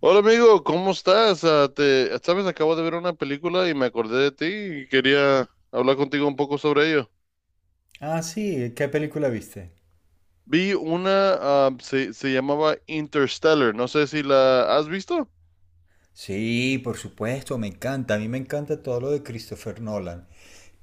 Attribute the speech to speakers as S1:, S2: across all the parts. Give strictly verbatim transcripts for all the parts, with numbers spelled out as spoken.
S1: Hola amigo, ¿cómo estás? Ah, te, sabes, acabo de ver una película y me acordé de ti y quería hablar contigo un poco sobre ello.
S2: Ah, sí, ¿qué película viste?
S1: Vi una, ah, se, se llamaba Interstellar, no sé si la has visto.
S2: Sí, por supuesto, me encanta. A mí me encanta todo lo de Christopher Nolan.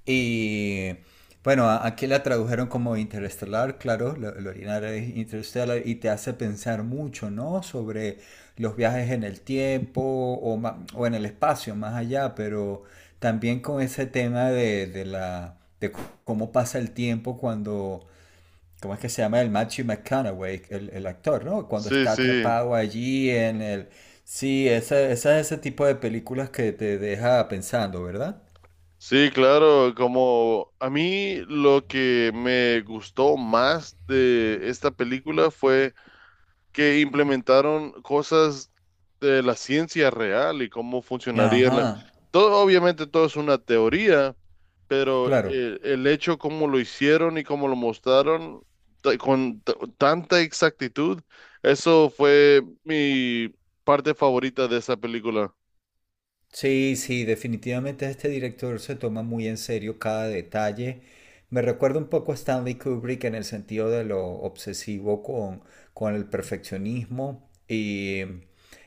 S2: Y bueno, a- aquí la tradujeron como Interestelar, claro, la, la original es Interestelar y te hace pensar mucho, ¿no? Sobre los viajes en el tiempo o, ma- o en el espacio, más allá, pero también con ese tema de, de la, de c- cómo pasa el tiempo cuando ¿cómo es que se llama el Matthew McConaughey, el, el actor, ¿no? Cuando
S1: Sí,
S2: está
S1: sí,
S2: atrapado allí en el... Sí, esa, esa es ese tipo de películas que te deja pensando, ¿verdad?
S1: sí, claro, como a mí lo que me gustó más de esta película fue que implementaron cosas de la ciencia real y cómo funcionaría la...
S2: Ajá,
S1: Todo, obviamente todo es una teoría pero
S2: claro.
S1: eh, el hecho como lo hicieron y como lo mostraron ta- con t- tanta exactitud, eso fue mi parte favorita de esa película.
S2: Sí, sí, definitivamente este director se toma muy en serio cada detalle. Me recuerda un poco a Stanley Kubrick en el sentido de lo obsesivo con, con el perfeccionismo. Y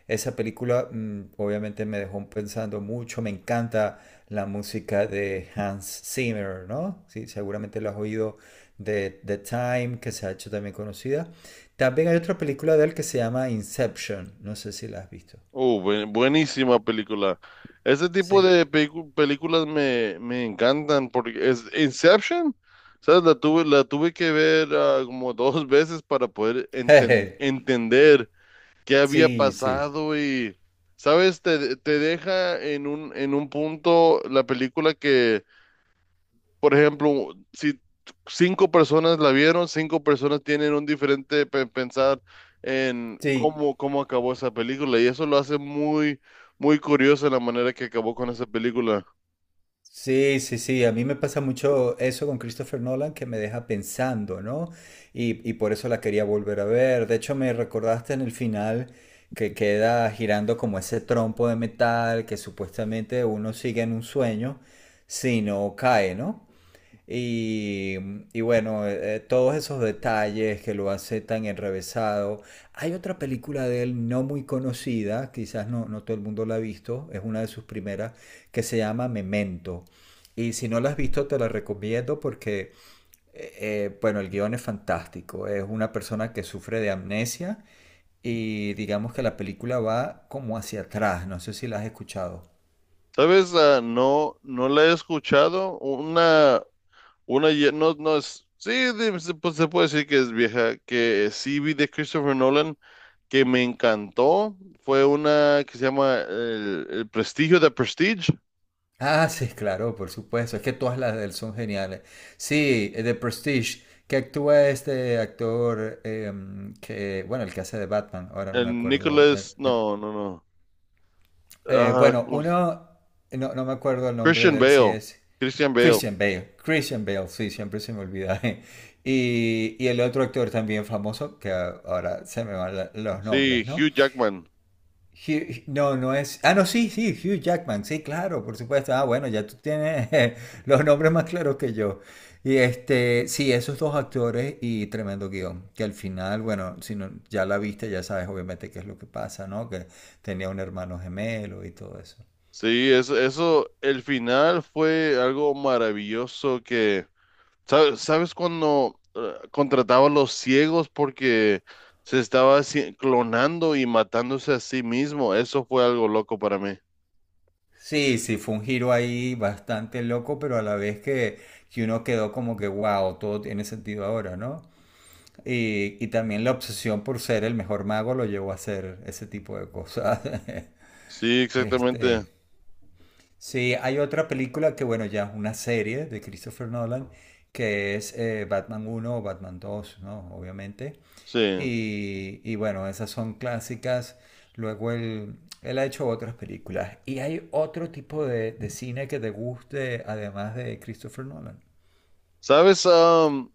S2: esa película mm, obviamente me dejó pensando mucho. Me encanta la música de Hans Zimmer, ¿no? Sí, seguramente lo has oído de The Time, que se ha hecho también conocida. También hay otra película de él que se llama Inception. No sé si la has visto.
S1: Oh, buen- buenísima película. Ese tipo
S2: Sí.
S1: de pelicu- películas me, me encantan porque es Inception, ¿sabes? La tuve, la tuve que ver ah, como dos veces para poder enten- entender qué había
S2: Sí, sí.
S1: pasado y, ¿sabes? Te, te deja en un, en un punto la película que, por ejemplo, si cinco personas la vieron, cinco personas tienen un diferente pe- pensar en
S2: Sí,
S1: cómo, cómo acabó esa película y eso lo hace muy, muy curioso la manera que acabó con esa película.
S2: sí, sí, sí. A mí me pasa mucho eso con Christopher Nolan que me deja pensando, ¿no? Y, y por eso la quería volver a ver. De hecho, me recordaste en el final que queda girando como ese trompo de metal que supuestamente uno sigue en un sueño, si no cae, ¿no? Y, y bueno, eh, eh, todos esos detalles que lo hace tan enrevesado. Hay otra película de él no muy conocida, quizás no, no todo el mundo la ha visto, es una de sus primeras, que se llama Memento. Y si no la has visto, te la recomiendo porque, eh, eh, bueno, el guión es fantástico. Es una persona que sufre de amnesia y digamos que la película va como hacia atrás. No sé si la has escuchado.
S1: ¿Sabes? Ah, no, no la he escuchado. Una, una, ye- no, no es, sí, de- se- pues se puede decir que es vieja, que sí vi de Christopher Nolan que me encantó fue una que se llama El, el Prestigio de Prestige.
S2: Ah, sí, claro, por supuesto. Es que todas las de él son geniales. Sí, eh, The Prestige, que actúa este actor em, que, bueno, el que hace de Batman, ahora no me
S1: El
S2: acuerdo. el-
S1: Nicholas,
S2: el-
S1: no, no, no.
S2: eh,
S1: Ah,
S2: bueno,
S1: ¿cómo se-
S2: uno, no, no me acuerdo el nombre
S1: Christian
S2: de él, si
S1: Bale.
S2: es
S1: Christian Bale.
S2: Christian Bale. Christian Bale, sí, siempre se me olvida. Y, y el otro actor también famoso, que ahora se me van la- los
S1: Sí,
S2: nombres, ¿no?
S1: Hugh Jackman.
S2: Hugh- no, no es. Ah, no, sí, sí, Hugh Jackman, sí, claro, por supuesto. Ah, bueno, ya tú tienes los nombres más claros que yo. Y este, sí, esos dos actores y tremendo guión, que al final, bueno, si no, ya la viste, ya sabes obviamente qué es lo que pasa, ¿no? Que tenía un hermano gemelo y todo eso.
S1: Sí, eso, eso, el final fue algo maravilloso que, ¿sabes, sabes cuando eh, contrataba a los ciegos porque se estaba haci- clonando y matándose a sí mismo? Eso fue algo loco para mí.
S2: Sí, sí, fue un giro ahí bastante loco, pero a la vez que, que uno quedó como que, wow, todo tiene sentido ahora, ¿no? Y, y también la obsesión por ser el mejor mago lo llevó a hacer ese tipo de cosas.
S1: Sí, exactamente.
S2: Este, sí, hay otra película que, bueno, ya es una serie de Christopher Nolan, que es eh, Batman uno o Batman dos, ¿no? Obviamente.
S1: Sí.
S2: Y, y bueno, esas son clásicas. Luego él, él ha hecho otras películas. ¿Y hay otro tipo de, de cine que te guste, además de Christopher Nolan?
S1: ¿Sabes? Am,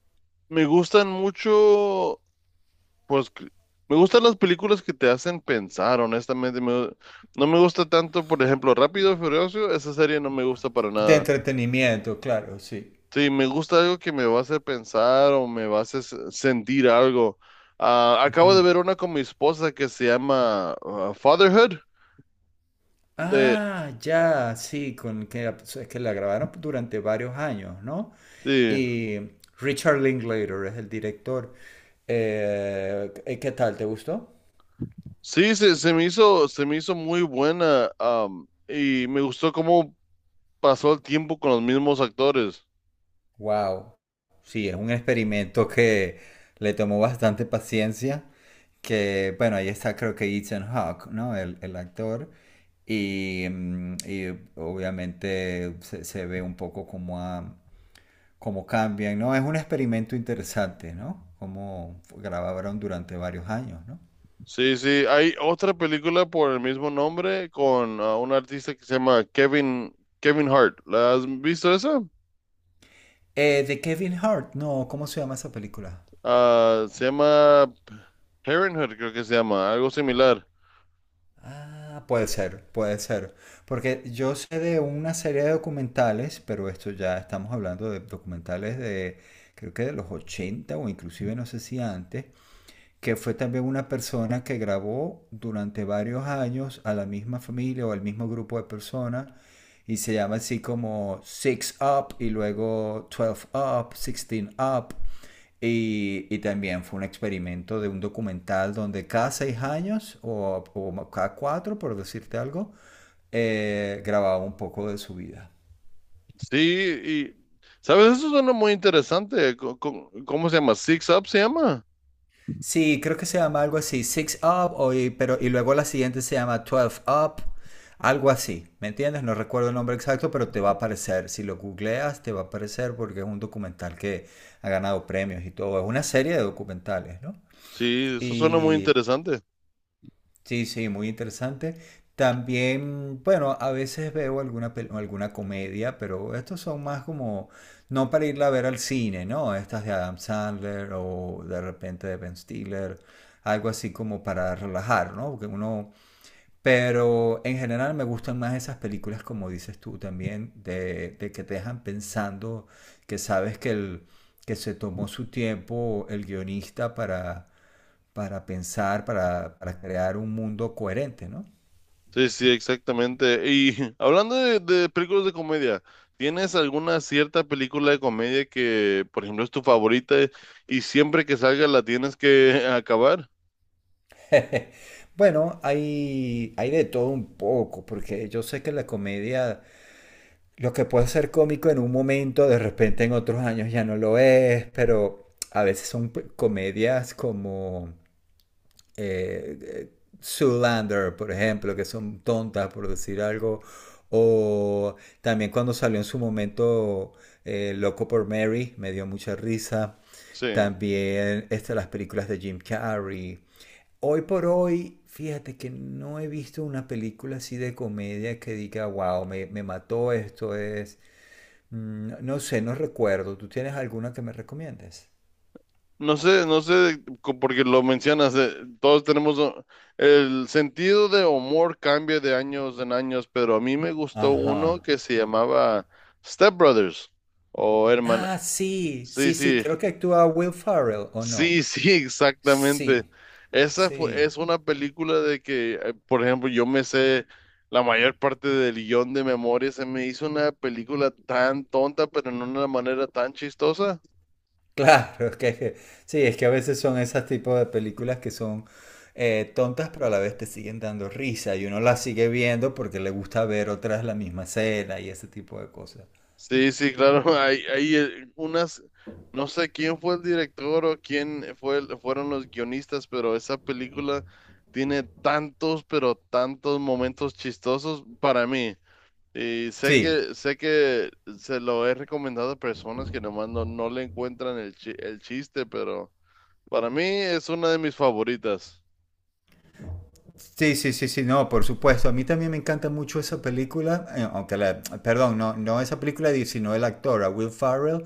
S1: me gustan mucho, pues, que- me gustan las películas que te hacen pensar, honestamente. Me- no me gusta tanto, por ejemplo, Rápido y Furioso, esa serie no me gusta para
S2: De
S1: nada.
S2: entretenimiento, claro, sí.
S1: Sí, me gusta algo que me va a hacer pensar o me va a hacer se- sentir algo. Ah, acabo de
S2: Ujú.
S1: ver una con mi esposa que se llama ah, Fatherhood. De,
S2: Ah, ya, sí, con que, la- es que la grabaron durante varios años, ¿no?
S1: sí,
S2: Y Richard Linklater es el director. Eh, ¿qué qué tal? ¿Te gustó?
S1: sí, se, se me hizo, se me hizo muy buena, am, y me gustó cómo pasó el tiempo con los mismos actores.
S2: Wow. Sí, es un experimento que le tomó bastante paciencia. Que, bueno, ahí está creo que Ethan Hawke, ¿no? El, el actor. Y, mm, y obviamente se, se ve un poco como a cómo cambian, ¿no? Es un experimento interesante, ¿no? Cómo grabaron durante varios años, ¿no?
S1: Sí, sí, hay otra película por el mismo nombre con ah, un artista que se llama Kevin, Kevin Hart. ¿La has visto esa?
S2: Eh, de Kevin Hart, no, ¿cómo se llama esa película?
S1: Ah, se llama Parenthood, creo que se llama, algo similar.
S2: Ah, puede ser, puede ser. Porque yo sé de una serie de documentales, pero esto ya estamos hablando de documentales de, creo que de los ochenta o inclusive no sé si antes, que fue también una persona que grabó durante varios años a la misma familia o al mismo grupo de personas y se llama así como Six Up y luego twelve Up, sixteen Up. Y, y también fue un experimento de un documental donde cada seis años o, o cada cuatro, por decirte algo, eh, grababa un poco de su vida.
S1: Sí, y, ¿sabes? Eso suena muy interesante. Co- co- ¿Cómo, se llama? Six Up se llama.
S2: Sí, creo que se llama algo así, Six Up, o y, pero, y luego la siguiente se llama doce Up, algo así, ¿me entiendes? No recuerdo el nombre exacto, pero te va a aparecer, si lo googleas, te va a aparecer porque es un documental que ha ganado premios y todo, es una serie de documentales, ¿no?
S1: Sí, eso suena muy
S2: Y
S1: interesante.
S2: sí, sí, muy interesante. También, bueno, a veces veo alguna, pel- alguna comedia, pero estos son más como, no para irla a ver al cine, ¿no? Estas de Adam Sandler o de repente de Ben Stiller, algo así como para relajar, ¿no? Porque uno, pero en general me gustan más esas películas, como dices tú también, de, de que te dejan pensando, que sabes que, el, que se tomó su tiempo el guionista para para pensar, para, para crear un mundo coherente, ¿no?
S1: Sí, sí, exactamente. Y hablando de, de películas de comedia, ¿tienes alguna cierta película de comedia que, por ejemplo, es tu favorita y siempre que salga la tienes que acabar?
S2: Bueno, hay, hay de todo un poco, porque yo sé que la comedia, lo que puede ser cómico en un momento, de repente en otros años ya no lo es, pero a veces son p- comedias como eh, eh, Zoolander, por ejemplo, que son tontas, por decir algo. O también cuando salió en su momento eh, Loco por Mary, me dio mucha risa.
S1: Sí.
S2: También estas las películas de Jim Carrey. Hoy por hoy, fíjate que no he visto una película así de comedia que diga, wow, me, me mató esto, es... mm, no sé, no recuerdo. ¿Tú tienes alguna que me recomiendes?
S1: No sé, no sé, co- porque lo mencionas, eh, todos tenemos o- el sentido de humor cambia de años en años, pero a mí me gustó uno
S2: Ajá.
S1: que se llamaba Step Brothers o Hermana.
S2: Ah, sí,
S1: Sí,
S2: sí, sí,
S1: sí.
S2: creo que actúa Will Ferrell, ¿o no?
S1: Sí, sí,
S2: Sí,
S1: exactamente. Esa fue,
S2: sí,
S1: es una película de que, eh, por ejemplo, yo me sé la mayor parte del guión de memoria. Se me hizo una película tan tonta, pero en una manera tan chistosa.
S2: claro, es que, es que- sí, es que a veces son esos tipos de películas que son eh, tontas, pero a la vez te siguen dando risa y uno las sigue viendo porque le gusta ver otras la misma escena y ese tipo de cosas.
S1: Sí, sí, claro. Hay, hay eh, unas, no sé quién fue el director o quién fue, el- fueron los guionistas, pero esa película tiene tantos, pero tantos momentos chistosos para mí. Y sé
S2: Sí,
S1: que, sé que se lo he recomendado a personas que nomás no, no le encuentran el, chi- el chiste, pero para mí es una de mis favoritas.
S2: sí, sí, sí, sí, no, por supuesto. A mí también me encanta mucho esa película, eh, aunque la, perdón, no, no esa película, sino el actor, a Will Ferrell.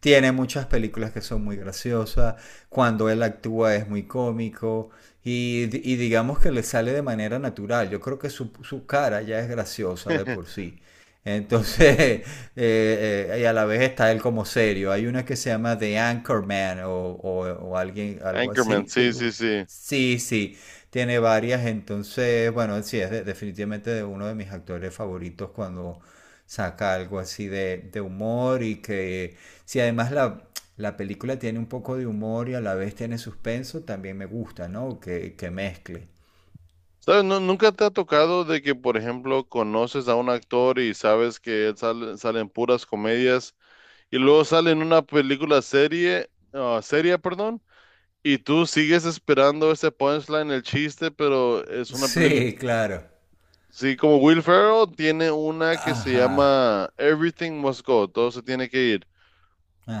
S2: Tiene muchas películas que son muy graciosas, cuando él actúa es muy cómico y, di- y digamos que le sale de manera natural. Yo creo que su, su cara ya es graciosa de por sí. Entonces, eh, eh, y a la vez está él como serio. Hay una que se llama The Anchorman o, o, o alguien, algo
S1: Anchorman,
S2: así.
S1: sí,
S2: Sí, u-
S1: sí, sí.
S2: sí, sí. Tiene varias, entonces, bueno, sí, es de- definitivamente de uno de mis actores favoritos cuando saca algo así de, de humor y que si además la, la película tiene un poco de humor y a la vez tiene suspenso, también me gusta, ¿no? Que, que mezcle.
S1: ¿Sabes? No, ¿nunca te ha tocado de que, por ejemplo, conoces a un actor y sabes que él sale, sale en puras comedias y luego sale en una película serie, ah, seria, perdón, y tú sigues esperando ese punchline, el chiste, pero es una película.
S2: Sí, claro.
S1: Sí, como Will Ferrell tiene una que se
S2: Ajá,
S1: llama Everything Must Go, todo se tiene que ir.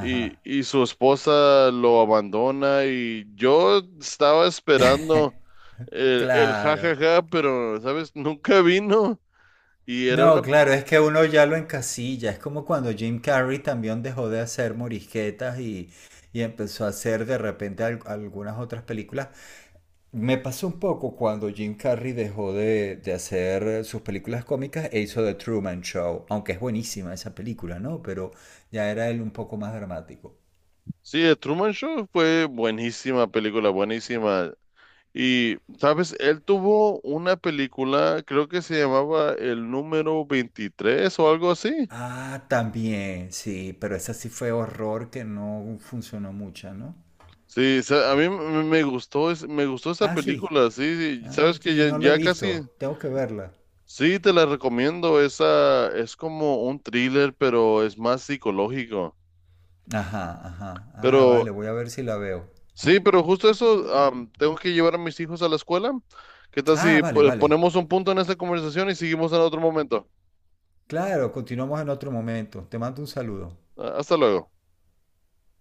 S1: Y, y su esposa lo abandona y yo estaba esperando el, el
S2: Claro.
S1: jajaja, pero, ¿sabes? Nunca vino. Y era una...
S2: No, claro, es que uno ya lo encasilla. Es como cuando Jim Carrey también dejó de hacer morisquetas y, y empezó a hacer de repente al- algunas otras películas. Me pasó un poco cuando Jim Carrey dejó de, de hacer sus películas cómicas e hizo The Truman Show, aunque es buenísima esa película, ¿no? Pero ya era él un poco más dramático.
S1: Sí, The Truman Show fue buenísima película, buenísima. Y, ¿sabes? Él tuvo una película, creo que se llamaba El número veintitrés o algo así.
S2: Ah, también, sí, pero esa sí fue horror que no funcionó mucho, ¿no?
S1: Sí, sa- a mí m- me gustó, es- me gustó esa
S2: Ah, sí.
S1: película, sí, sí,
S2: Ah,
S1: sabes que
S2: sí,
S1: ya,
S2: no la he
S1: ya casi,
S2: visto, tengo que verla.
S1: sí, te la recomiendo, esa es como un thriller, pero es más psicológico,
S2: Ajá, ajá. Ah,
S1: pero
S2: vale, voy a ver si la veo.
S1: sí, pero justo eso, am, tengo que llevar a mis hijos a la escuela, ¿qué tal
S2: Ah,
S1: si
S2: vale,
S1: po-
S2: vale.
S1: ponemos un punto en esta conversación y seguimos en otro momento?
S2: Claro, continuamos en otro momento. Te mando un saludo.
S1: Ah, hasta luego.